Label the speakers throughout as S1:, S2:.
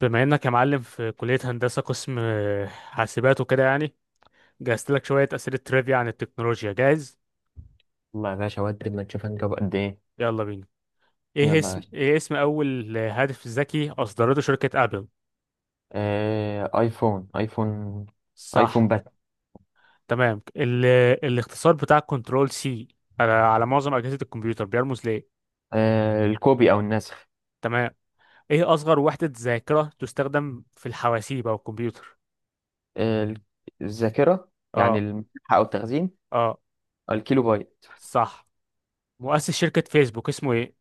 S1: بما انك يا معلم في كلية هندسة قسم حاسبات وكده يعني، جهزت لك شوية أسئلة ترivia عن التكنولوجيا. جاهز؟
S2: والله يا باشا، ودي ما تشوف هنجيب قد ايه.
S1: يلا بينا.
S2: يلا
S1: ايه
S2: يا
S1: اسم
S2: باشا.
S1: ايه اسم اول هاتف ذكي اصدرته شركة ابل؟
S2: ايفون ايفون. ايفون
S1: صح.
S2: بس.
S1: تمام. الاختصار بتاع كنترول سي على... على معظم أجهزة الكمبيوتر بيرمز ليه؟
S2: الكوبي او النسخ.
S1: تمام. ايه اصغر وحدة ذاكرة تستخدم في الحواسيب او الكمبيوتر؟
S2: آه ال- الذاكرة يعني
S1: اه.
S2: المساحة او التخزين.
S1: اه.
S2: الكيلو بايت.
S1: صح. مؤسس شركة فيسبوك اسمه ايه؟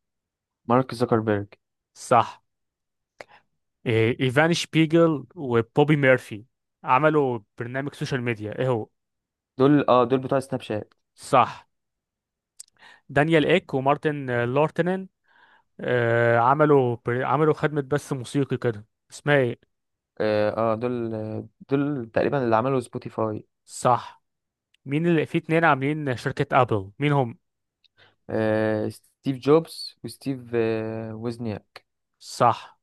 S2: مارك زوكربيرج.
S1: صح. إيه، ايفان شبيجل وبوبي ميرفي عملوا برنامج سوشيال ميديا، ايه هو؟
S2: دول بتوع سناب شات.
S1: صح. دانيال ايك ومارتن لورتنن عملوا خدمة بث موسيقي كده، اسمها ايه؟
S2: دول تقريبا اللي عملوا سبوتيفاي.
S1: صح. مين اللي في اتنين عاملين شركة ابل، مين هم؟
S2: ستيف جوبز وستيف وزنياك.
S1: صح.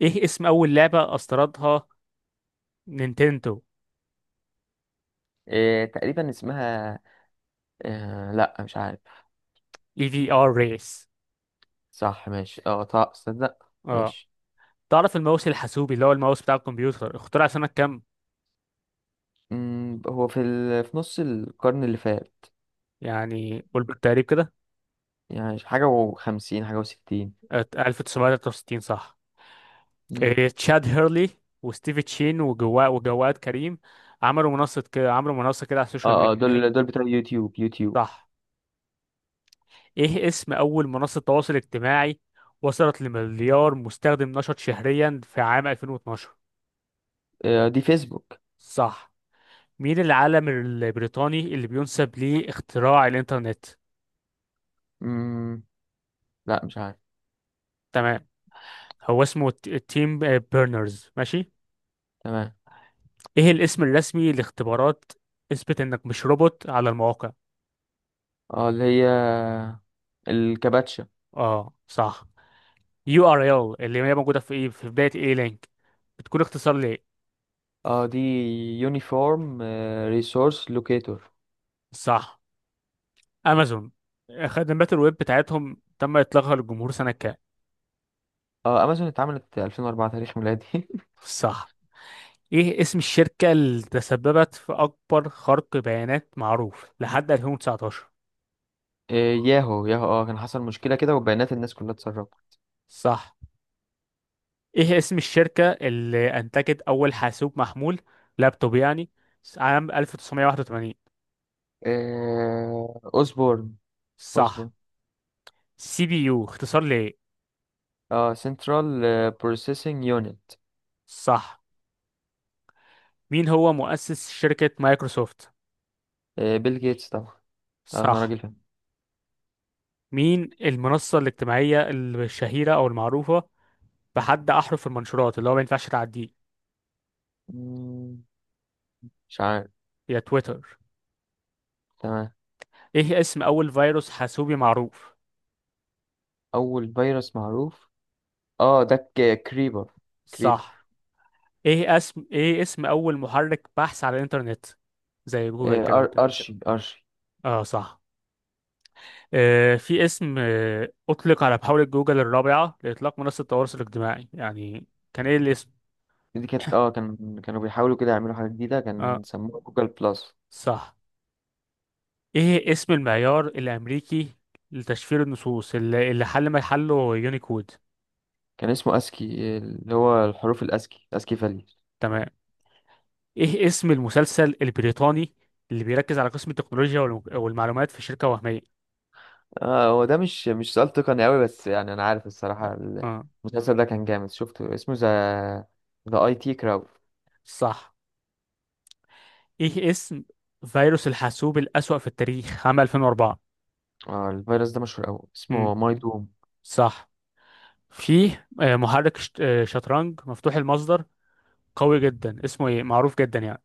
S1: ايه اسم اول لعبة اصدرتها نينتندو؟
S2: تقريبا اسمها. لا مش عارف.
S1: اي في ار ريس.
S2: صح ماشي، طه صدق
S1: اه.
S2: ماشي.
S1: تعرف الماوس الحاسوبي، اللي هو الماوس بتاع الكمبيوتر، اخترع سنة كام؟
S2: مم، هو في نص القرن اللي فات.
S1: يعني قول بالتقريب كده.
S2: يعني حاجة وخمسين، حاجة وستين.
S1: 1963، صح؟
S2: مم.
S1: إيه، تشاد هيرلي وستيفي تشين وجواد كريم عملوا منصة كده على السوشيال
S2: اه
S1: ميديا، اللي هي؟
S2: دول بتوع يوتيوب يوتيوب.
S1: صح. ايه اسم اول منصة تواصل اجتماعي وصلت لمليار مستخدم نشط شهريا في عام 2012؟
S2: دي فيسبوك.
S1: صح. مين العالم البريطاني اللي بينسب ليه اختراع الانترنت؟
S2: مم. لا مش عارف.
S1: تمام. هو اسمه تيم بيرنرز. ماشي.
S2: تمام.
S1: ايه الاسم الرسمي لاختبارات اثبت انك مش روبوت على المواقع؟
S2: اه اللي هي الكباتشا.
S1: اه، صح. يو ار ال، اللي هي موجوده في ايه، في بدايه ايه لينك، بتكون اختصار لايه؟
S2: اه دي يونيفورم ريسورس لوكيتور.
S1: صح. امازون، خدمات الويب بتاعتهم تم اطلاقها للجمهور سنه كام؟
S2: اه امازون اتعملت 2004 تاريخ ميلادي.
S1: صح. ايه اسم الشركه اللي تسببت في اكبر خرق بيانات معروف لحد 2019؟
S2: ياهو ياهو، كان حصل مشكلة كده وبيانات الناس كلها اتسربت.
S1: صح. ايه اسم الشركه اللي انتجت اول حاسوب محمول، لابتوب يعني، عام 1981؟
S2: اوسبورن.
S1: صح.
S2: اوسبورن.
S1: سي بي يو اختصار لايه؟
S2: اه سنترال بروسيسنج يونت.
S1: صح. مين هو مؤسس شركه مايكروسوفت؟
S2: بيل جيتس طبعا. أغنى
S1: صح.
S2: راجل في.
S1: مين المنصة الاجتماعية الشهيرة أو المعروفة بحد أحرف المنشورات اللي هو ما ينفعش تعديه؟
S2: مم، مش عارف.
S1: هي تويتر.
S2: تمام.
S1: إيه اسم أول فيروس حاسوبي معروف؟
S2: أول فيروس معروف. كريبر. كريبر.
S1: صح. إيه اسم أول محرك بحث على الإنترنت، زي جوجل
S2: آه،
S1: كده
S2: أر
S1: وكده؟
S2: أرشي أرشي.
S1: آه، صح. آه، في اسم آه أطلق على محاولة جوجل الرابعة لإطلاق منصة التواصل الاجتماعي، يعني كان إيه الاسم؟
S2: دي كانت، كانوا بيحاولوا كده يعملوا حاجة جديدة،
S1: آه،
S2: كان سموه جوجل بلس.
S1: صح. إيه اسم المعيار الأمريكي لتشفير النصوص اللي حل ما يحله يونيكود؟
S2: كان اسمه أسكي، اللي هو الحروف الأسكي، أسكي فاليو.
S1: تمام. ايه اسم المسلسل البريطاني اللي بيركز على قسم التكنولوجيا والمعلومات في شركة وهمية؟
S2: اه هو ده مش سؤال تقني أوي، بس يعني أنا عارف
S1: اه.
S2: الصراحة.
S1: آه،
S2: المسلسل ده كان جامد شفته، اسمه ذا، أي تي كراود.
S1: صح. ايه اسم فيروس الحاسوب الأسوأ في التاريخ عام 2004؟
S2: اه الفيروس ده مشهور أوي،
S1: امم
S2: اسمه ماي دوم.
S1: صح. فيه محرك شت- آه، شطرنج مفتوح المصدر قوي جدا، اسمه ايه؟ معروف جدا يعني.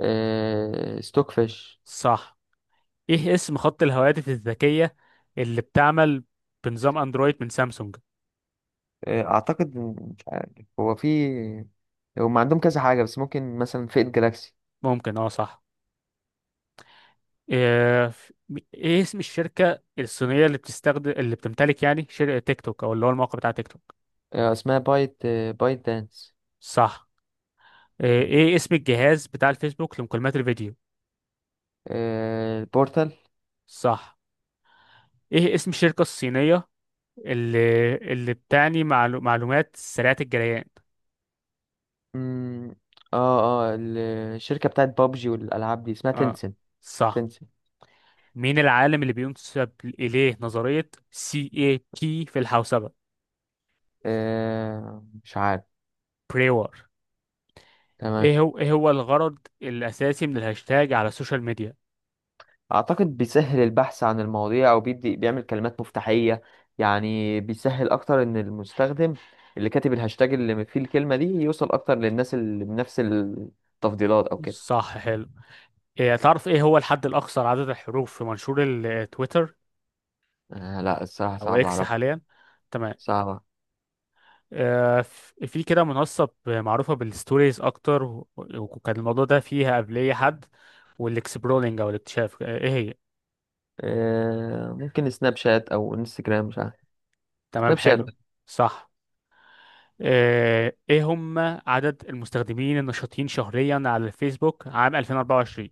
S2: ستوك فيش.
S1: صح. ايه اسم خط الهواتف الذكية اللي بتعمل بنظام اندرويد من سامسونج؟
S2: اعتقد مش عارف. هو في. هم عندهم كذا حاجه، بس ممكن مثلا فئه جالاكسي.
S1: ممكن اه، صح. ايه إيه اسم الشركة الصينية اللي بتستخدم، اللي بتمتلك يعني شركة تيك توك او اللي هو الموقع بتاع تيك توك؟
S2: اسمها بايت دانس.
S1: صح. إيه اسم الجهاز بتاع الفيسبوك لمكالمات الفيديو؟
S2: البورتال.
S1: صح. ايه اسم الشركة الصينية اللي بتعني معلومات سريعة الجريان؟
S2: مم، اه اه ال- الشركه بتاعت بابجي والالعاب دي اسمها
S1: اه،
S2: تنسن.
S1: صح.
S2: تنسن.
S1: مين العالم اللي بينسب إليه نظرية سي اي تي في الحوسبة؟
S2: مش عارف.
S1: بريور.
S2: تمام.
S1: ايه هو الغرض الأساسي من الهاشتاج على السوشيال ميديا؟
S2: اعتقد بيسهل البحث عن المواضيع او بيدي بيعمل كلمات مفتاحيه. يعني بيسهل اكتر ان المستخدم اللي كاتب الهاشتاج اللي فيه الكلمه دي يوصل اكتر للناس اللي بنفس التفضيلات او كده.
S1: صح، حلو. إيه، تعرف ايه هو الحد الاقصر عدد الحروف في منشور التويتر
S2: لا الصراحة
S1: او
S2: صعب
S1: اكس
S2: أعرفها.
S1: حاليا؟ تمام.
S2: صعبة.
S1: في كده منصه معروفه بالستوريز اكتر وكان الموضوع ده فيها قبليه حد، والاكسبرولينج او الاكتشاف، ايه هي؟
S2: ممكن سناب شات أو انستجرام، مش عارف.
S1: تمام،
S2: سناب شات.
S1: حلو. صح. ايه هم عدد المستخدمين النشطين شهريا على الفيسبوك عام 2024؟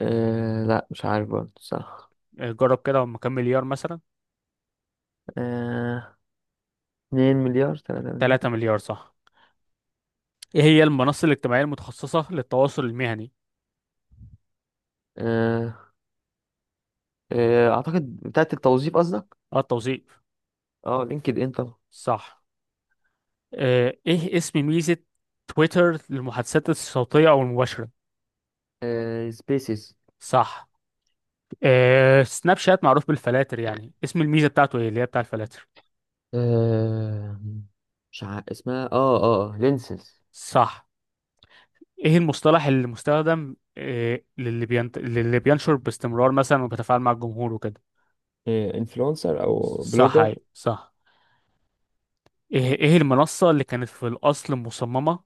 S2: لا مش عارف برضه، صح.
S1: جرب كده هم كام مليار مثلا؟
S2: آه 2 مليار، 3 مليار.
S1: 3 مليار، صح. ايه هي المنصه الاجتماعيه المتخصصه للتواصل المهني؟
S2: آه أعتقد بتاعت التوظيف قصدك.
S1: اه، التوظيف.
S2: اه لينكد إن طبعا.
S1: صح. ايه اسم ميزة تويتر للمحادثات الصوتية او المباشرة؟
S2: سبيسيس.
S1: صح. سناب شات معروف بالفلاتر، يعني اسم الميزة بتاعته ايه اللي هي بتاع الفلاتر؟
S2: آه مش عارف اسمها، لينسز.
S1: صح. ايه المصطلح اللي مستخدم للي بينشر باستمرار مثلا وبيتفاعل مع الجمهور وكده؟
S2: إيه، انفلونسر او
S1: صح، أيوة،
S2: بلوجر.
S1: صح. ايه المنصة اللي كانت في الاصل مصممة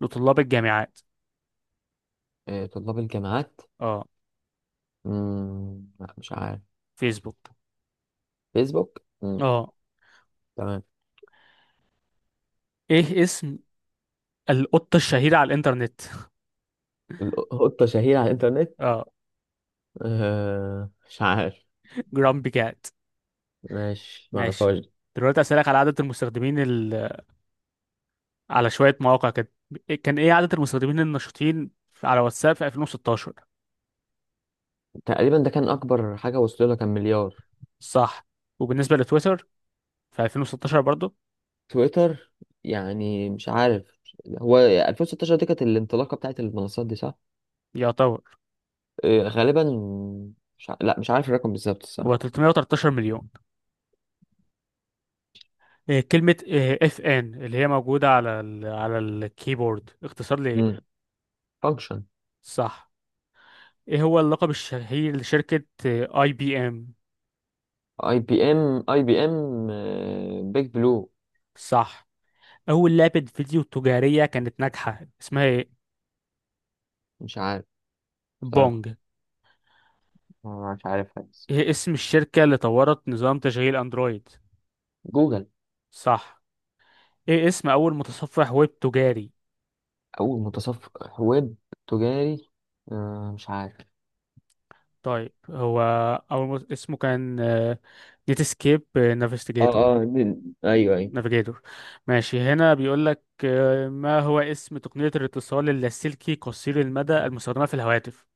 S1: لطلاب الجامعات؟
S2: طلاب الجامعات.
S1: اه،
S2: لا مش عارف.
S1: فيسبوك.
S2: فيسبوك، مم.
S1: اه.
S2: تمام.
S1: ايه اسم القطة الشهيرة على الانترنت؟
S2: القطة شهيرة على الإنترنت.
S1: اه.
S2: مش عارف.
S1: جرامبي كات.
S2: ماشي،
S1: ماشي.
S2: معرفهاش.
S1: دلوقتي أسألك على عدد على شوية مواقع كده. كان إيه عدد المستخدمين النشطين على واتساب في 2016؟
S2: تقريبا ده كان أكبر حاجة وصل لها، كان مليار.
S1: صح. وبالنسبة لتويتر في 2016 برضو؟
S2: تويتر. يعني مش عارف. هو 2016 دي كانت الانطلاقة بتاعت المنصات دي، صح؟
S1: يعتبر.
S2: غالبا. مش ع... لا مش عارف الرقم بالظبط
S1: هو
S2: الصراحة.
S1: 313 مليون. إيه كلمة اف ان اللي هي موجودة على على الكيبورد اختصار لإيه؟
S2: مم. فانكشن.
S1: صح. إيه هو اللقب الشهير لشركة اي بي ام؟
S2: اي بي ام اي بي ام. بيج بلو.
S1: صح. أول لعبة فيديو تجارية كانت ناجحة اسمها إيه؟
S2: مش عارف. صراحة
S1: بونج.
S2: أنا مش عارفها بس.
S1: ايه اسم الشركة اللي طورت نظام تشغيل اندرويد؟
S2: جوجل.
S1: صح. ايه اسم اول متصفح ويب تجاري؟
S2: أول متصفح ويب تجاري. مش عارف.
S1: طيب، هو اسمه كان نيتسكيب
S2: اه
S1: نافيجيتور.
S2: اه دي- ايوه.
S1: نافيجيتور. ماشي. هنا بيقول لك ما هو اسم تقنية الاتصال اللاسلكي قصير المدى المستخدمة في الهواتف،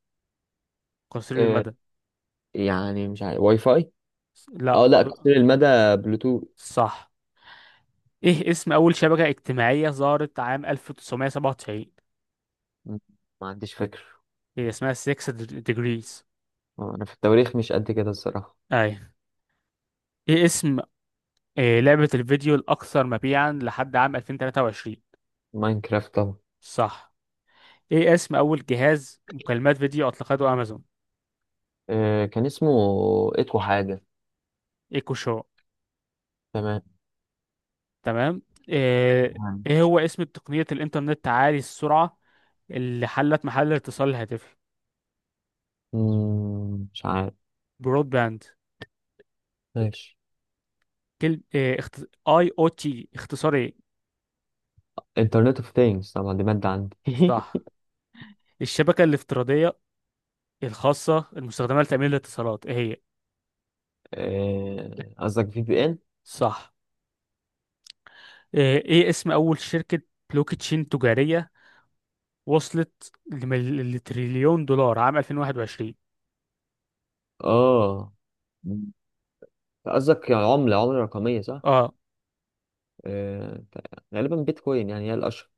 S1: قصير
S2: ايوه.
S1: المدى؟
S2: يعني مش عارف، واي فاي. اه
S1: لا
S2: لا قصير المدى، بلوتوث.
S1: صح. ايه اسم اول شبكة اجتماعية ظهرت عام 1997؟
S2: م- ما عنديش فكرة.
S1: هي اسمها 6 degrees.
S2: انا في التواريخ مش قد كده الصراحة.
S1: اي. ايه اسم إيه لعبة الفيديو الأكثر مبيعا لحد عام 2023؟
S2: ماينكرافت طبعا.
S1: صح. إيه اسم أول جهاز مكالمات فيديو أطلقته أمازون؟
S2: كان اسمه اتو حاجة.
S1: إيكو شو.
S2: تمام.
S1: تمام. إيه
S2: تمام.
S1: إيه هو اسم تقنية الإنترنت عالي السرعة اللي حلت محل الاتصال الهاتفي؟
S2: مش عارف.
S1: برود باند.
S2: ماشي.
S1: كلمة إيه اي او تي اختصار إيه؟
S2: انترنت اوف ثينجز طبعا، دي مادة عندي.
S1: صح. الشبكة الافتراضية الخاصة المستخدمة لتأمين الاتصالات، إيه هي؟
S2: قصدك في بي ان.
S1: صح. إيه اسم أول شركة بلوك تشين تجارية وصلت لتريليون دولار عام 2021؟
S2: اه مم. قصدك يعني عملة رقمية صح.
S1: اه،
S2: آه، غالبا بيتكوين، يعني هي الأشهر.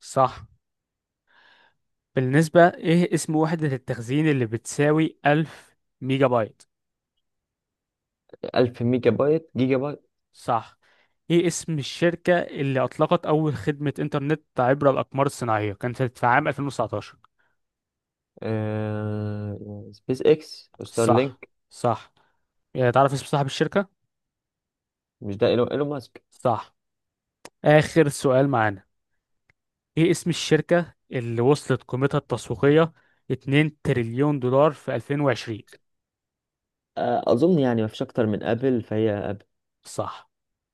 S1: صح. بالنسبة، ايه اسم وحدة التخزين اللي بتساوي 1000 ميجا بايت؟
S2: 1000 ميجا بايت، جيجا بايت.
S1: صح. ايه اسم الشركة اللي اطلقت اول خدمة انترنت عبر الاقمار الصناعية، كانت في عام 2019؟
S2: سبيس اكس وستار
S1: صح،
S2: لينك.
S1: صح. يعني تعرف اسم صاحب الشركة؟
S2: مش ده إيلون ماسك.
S1: صح. اخر سؤال معانا. ايه اسم الشركة اللي وصلت قيمتها التسويقية 2 تريليون دولار في 2020؟
S2: اظن يعني ما فيش اكتر من ابل، فهي ابل.
S1: صح.